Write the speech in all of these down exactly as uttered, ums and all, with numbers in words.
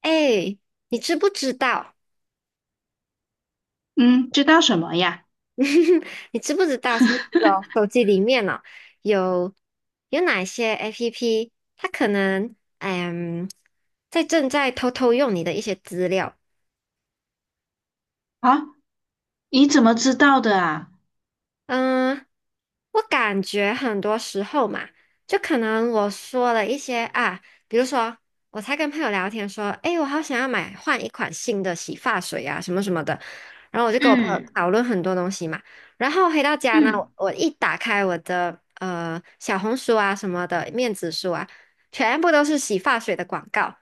哎，你知不知道？嗯，知道什么呀？你知不知道是那的手机里面呢、有有哪些 APP，它可能嗯在正在偷偷用你的一些资料？啊，你怎么知道的啊？嗯，我感觉很多时候嘛，就可能我说了一些啊，比如说我才跟朋友聊天说，诶，我好想要买换一款新的洗发水啊，什么什么的，然后我就跟我朋友嗯讨论很多东西嘛，然后回到家呢，嗯。我一打开我的呃小红书啊什么的，面子书啊，全部都是洗发水的广告。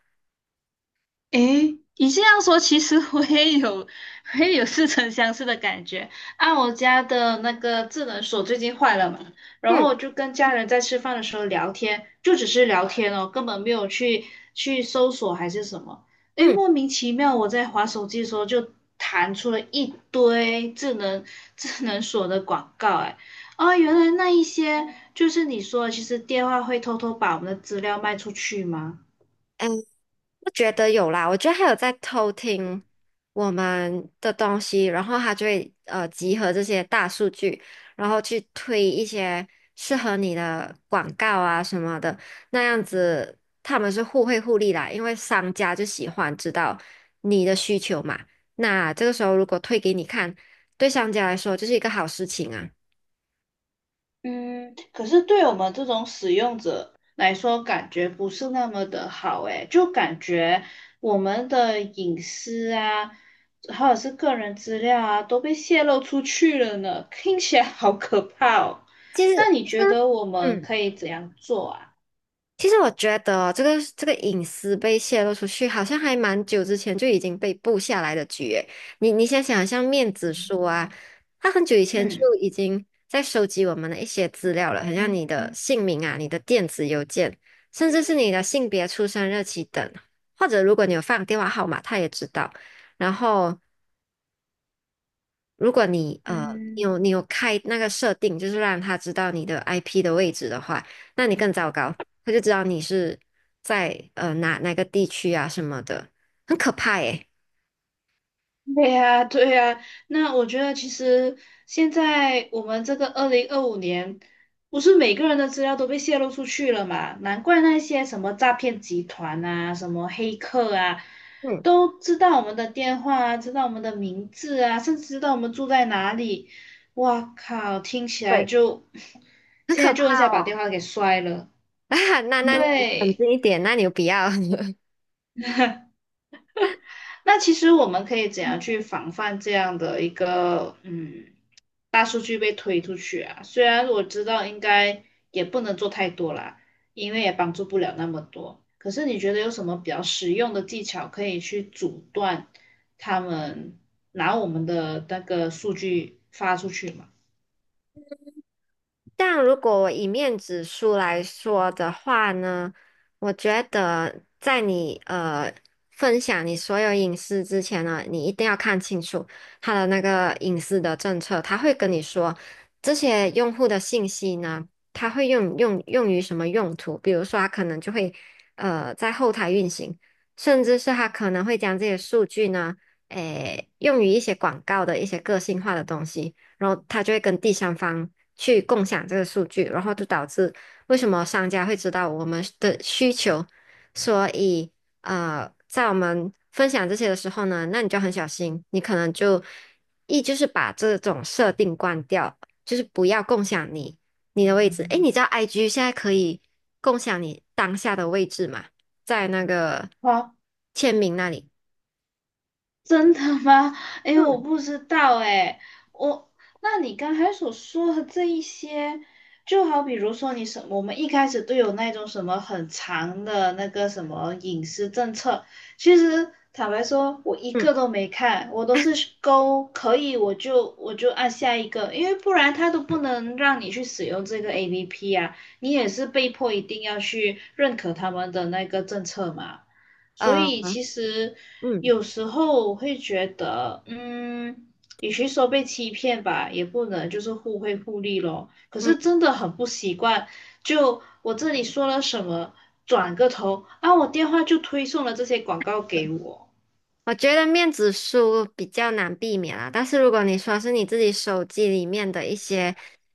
诶，你这样说，其实我也有，我也有似曾相识的感觉。啊，我家的那个智能锁最近坏了嘛，然后嗯我就跟家人在吃饭的时候聊天，就只是聊天哦，根本没有去去搜索还是什么。诶，嗯。莫名其妙，我在滑手机的时候就弹出了一堆智能智能锁的广告，诶，啊，原来那一些就是你说的，其实电话会偷偷把我们的资料卖出去吗？哎，我觉得有啦，我觉得他有在偷听我们的东西，然后他就会呃集合这些大数据，然后去推一些适合你的广告啊什么的，那样子他们是互惠互利啦，因为商家就喜欢知道你的需求嘛，那这个时候如果推给你看，对商家来说就是一个好事情啊。嗯，可是对我们这种使用者来说，感觉不是那么的好诶，就感觉我们的隐私啊，或者是个人资料啊，都被泄露出去了呢，听起来好可怕哦。其实那你觉得我们嗯。可以怎样做啊？其实我觉得这个这个隐私被泄露出去，好像还蛮久之前就已经被布下来的局诶。你你想想，像面子书啊，他很久以前就嗯。已经在收集我们的一些资料了，很像你的姓名啊、你的电子邮件，甚至是你的性别、出生日期等，或者如果你有放电话号码，他也知道。然后如果你呃，你嗯。有你有开那个设定，就是让他知道你的 I P 的位置的话，那你更糟糕，他就知道你是在呃哪哪个地区啊什么的，很可怕耶。对呀，对呀，那我觉得其实现在我们这个二零二五年，不是每个人的资料都被泄露出去了嘛？难怪那些什么诈骗集团啊、什么黑客啊，嗯，都知道我们的电话啊，知道我们的名字啊，甚至知道我们住在哪里。哇靠，听起来对，就 很现可在怕就一下把电哦。话给摔了。啊，那嗯那你冷对，静一点，那你不要。那其实我们可以怎样去防范这样的一个嗯？大数据被推出去啊。虽然我知道应该也不能做太多啦，因为也帮助不了那么多。可是你觉得有什么比较实用的技巧可以去阻断他们拿我们的那个数据发出去吗？但如果我以面子书来说的话呢，我觉得在你呃分享你所有隐私之前呢，你一定要看清楚他的那个隐私的政策，他会跟你说这些用户的信息呢，他会用用用于什么用途，比如说他可能就会呃在后台运行，甚至是他可能会将这些数据呢，诶用于一些广告的一些个性化的东西。然后他就会跟第三方去共享这个数据，然后就导致为什么商家会知道我们的需求，所以呃，在我们分享这些的时候呢，那你就很小心，你可能就一就是把这种设定关掉，就是不要共享你你的位置。诶，你知道 I G 现在可以共享你当下的位置吗？在那个啊签名那里。真的吗？哎，我嗯不知道哎，我，那你刚才所说的这一些，就好比如说你什，我们一开始都有那种什么很长的那个什么隐私政策，其实坦白说，我一嗯个都没看，我都是勾可以，我就我就按下一个，因为不然它都不能让你去使用这个 A P P 啊，你也是被迫一定要去认可他们的那个政策嘛。所呃以其实嗯有时候我会觉得，嗯，与其说被欺骗吧，也不能就是互惠互利咯。可是嗯。真的很不习惯，就我这里说了什么，转个头啊，我电话就推送了这些广告给我。我觉得面子书比较难避免啦，但是如果你说是你自己手机里面的一些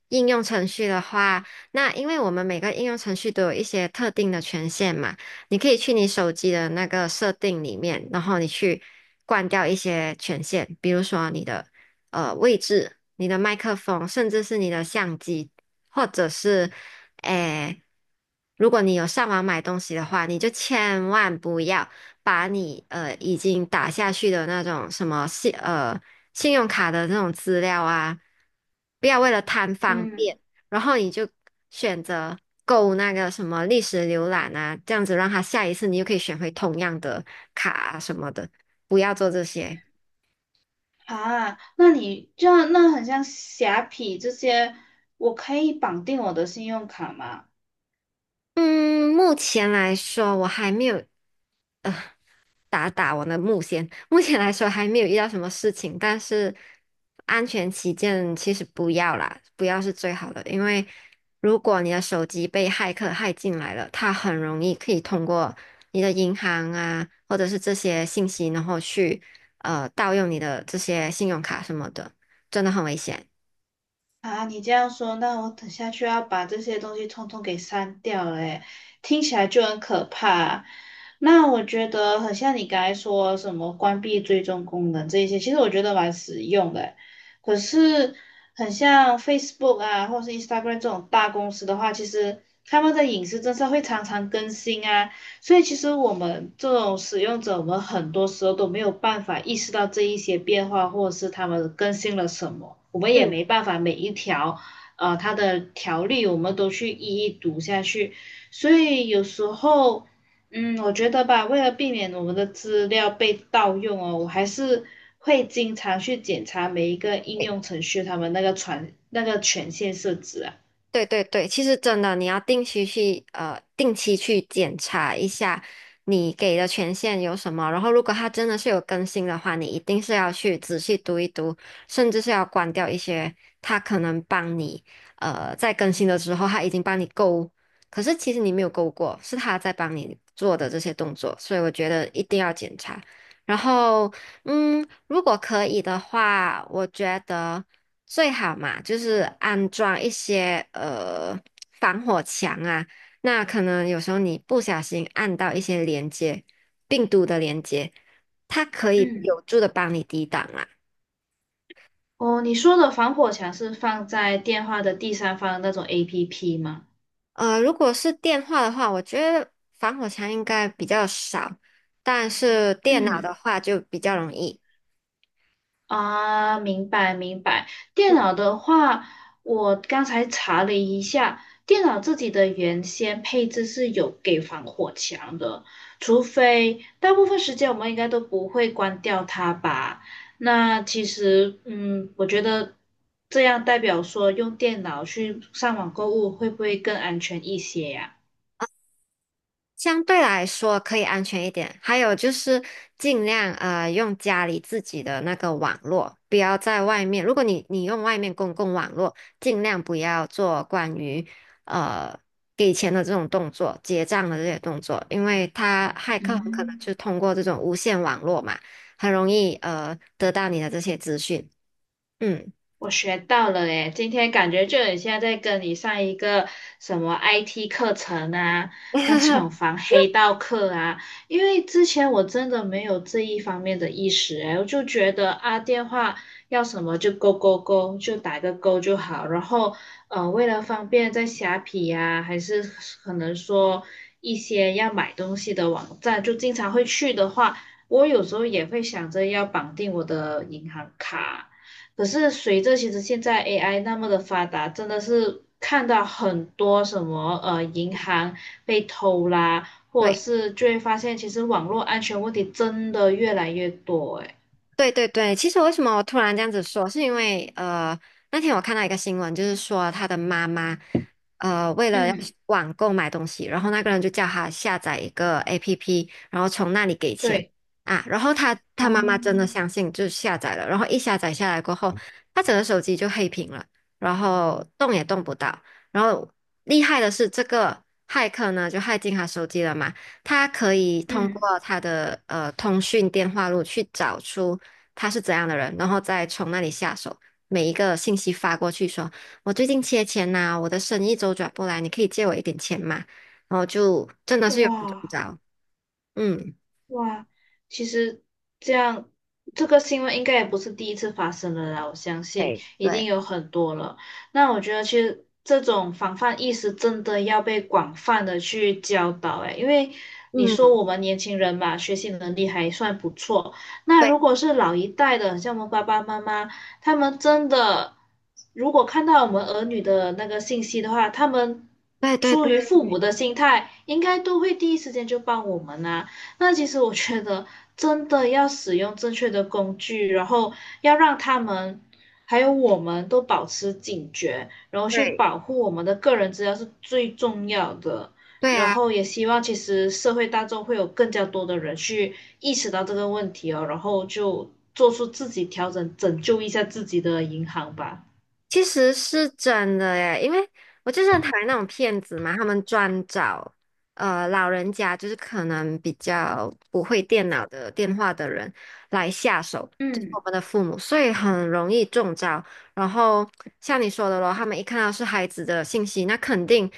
应用程序的话，那因为我们每个应用程序都有一些特定的权限嘛，你可以去你手机的那个设定里面，然后你去关掉一些权限，比如说你的呃位置、你的麦克风，甚至是你的相机，或者是诶，如果你有上网买东西的话，你就千万不要。把你呃已经打下去的那种什么信呃信用卡的那种资料啊，不要为了贪方便，嗯，然后你就选择购那个什么历史浏览啊，这样子让他下一次你就可以选回同样的卡啊什么的，不要做这些。啊，那你这样那很像虾皮这些，我可以绑定我的信用卡吗？嗯，目前来说我还没有。呃。打打我的目前，目前来说还没有遇到什么事情，但是安全起见，其实不要啦，不要是最好的，因为如果你的手机被骇客骇进来了，它很容易可以通过你的银行啊，或者是这些信息，然后去呃盗用你的这些信用卡什么的，真的很危险。啊，你这样说，那我等下去要把这些东西通通给删掉了，诶，听起来就很可怕。那我觉得很像你刚才说什么关闭追踪功能这一些，其实我觉得蛮实用的诶可是很像 Facebook 啊，或是 Instagram 这种大公司的话，其实他们的隐私政策会常常更新啊，所以其实我们这种使用者，我们很多时候都没有办法意识到这一些变化，或者是他们更新了什么，我们也嗯。没办法每一条，呃，它的条例我们都去一一读下去。所以有时候，嗯，我觉得吧，为了避免我们的资料被盗用哦，我还是会经常去检查每一个应用程序他们那个权那个权限设置啊。对对对，其实真的，你要定期去呃定期去检查一下你给的权限有什么，然后如果它真的是有更新的话，你一定是要去仔细读一读，甚至是要关掉一些它可能帮你呃在更新的时候它已经帮你勾，可是其实你没有勾过，是它在帮你做的这些动作，所以我觉得一定要检查。然后，嗯，如果可以的话，我觉得。最好嘛，就是安装一些呃防火墙啊。那可能有时候你不小心按到一些连接，病毒的连接，它可以嗯。有助的帮你抵挡啊。哦，你说的防火墙是放在电话的第三方那种 A P P 吗？呃，如果是电话的话，我觉得防火墙应该比较少，但是电脑的嗯，话就比较容易。啊，明白明白。电脑的话，我刚才查了一下，电脑自己的原先配置是有给防火墙的，除非大部分时间我们应该都不会关掉它吧？那其实，嗯，我觉得这样代表说用电脑去上网购物会不会更安全一些呀？相对来说可以安全一点，还有就是尽量呃用家里自己的那个网络，不要在外面。如果你你用外面公共网络，尽量不要做关于呃给钱的这种动作、结账的这些动作，因为他骇客很可能嗯。就通过这种无线网络嘛，很容易呃得到你的这些资讯。嗯，我学到了诶，今天感觉就很像在跟你上一个什么 I T 课程啊，那种 防黑道课啊，因为之前我真的没有这一方面的意识诶，我就觉得啊，电话要什么就勾勾勾，就打个勾就好，然后呃，为了方便在虾皮呀、还是可能说一些要买东西的网站，就经常会去的话，我有时候也会想着要绑定我的银行卡。可是随着其实现在 A I 那么的发达，真的是看到很多什么呃银行被偷啦，或者对。是就会发现其实网络安全问题真的越来越多诶。对对对，其实为什么我突然这样子说，是因为呃，那天我看到一个新闻，就是说他的妈妈呃，为了要嗯，网购买东西，然后那个人就叫他下载一个 APP，然后从那里给钱对，啊，然后他他哦，妈妈真的相信，就下载了，然后一下载下来过后，他整个手机就黑屏了，然后动也动不到，然后厉害的是这个骇客呢，就骇进他手机了嘛。他可以通嗯，过他的呃通讯电话录去找出他是怎样的人，然后再从那里下手。每一个信息发过去说，我最近缺钱呐、我的生意周转不来，你可以借我一点钱嘛？然后就真的是有人中哇。招。嗯，哇，其实这样，这个新闻应该也不是第一次发生了啦，我相信对，一定对，有很多了。那我觉得其实这种防范意识真的要被广泛的去教导，诶，因为你说嗯，我们年轻人嘛，学习能力还算不错，那对，如果是老一代的，像我们爸爸妈妈，他们真的如果看到我们儿女的那个信息的话，他们。对对出于父母对的心态，应该都会第一时间就帮我们啊。那其实我觉得，真的要使用正确的工具，然后要让他们还有我们都保持警觉，然后去对保护我们的个人资料是最重要的。对然啊。后也希望其实社会大众会有更加多的人去意识到这个问题哦，然后就做出自己调整，拯救一下自己的银行吧。其实是真的耶，因为我就是很讨厌那种骗子嘛，他们专找呃老人家，就是可能比较不会电脑的电话的人来下手，就是嗯我们的父母，所以很容易中招。然后像你说的咯，他们一看到是孩子的信息，那肯定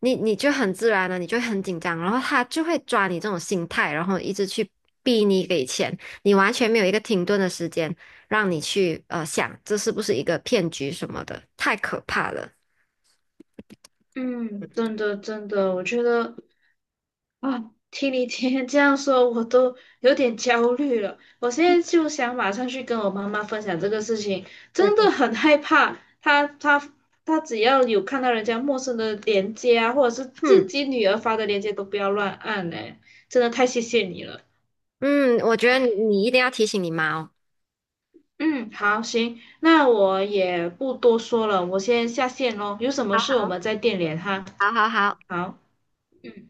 你你就很自然了，你就会很紧张，然后他就会抓你这种心态，然后一直去逼你给钱，你完全没有一个停顿的时间。让你去呃想这是不是一个骗局什么的，太可怕了。嗯，真的真的，我觉得啊，听你今天这样说，我都有点焦虑了。我现在就想马上去跟我妈妈分享这个事情，对真对，的很害怕。她她她只要有看到人家陌生的链接啊，或者是自嗯己女儿发的链接，都不要乱按嘞。真的太谢谢你了。嗯，我觉得你你一定要提醒你妈哦。嗯，好，行，那我也不多说了，我先下线喽。有什么好事我好们再电联哈。好好好。好。嗯。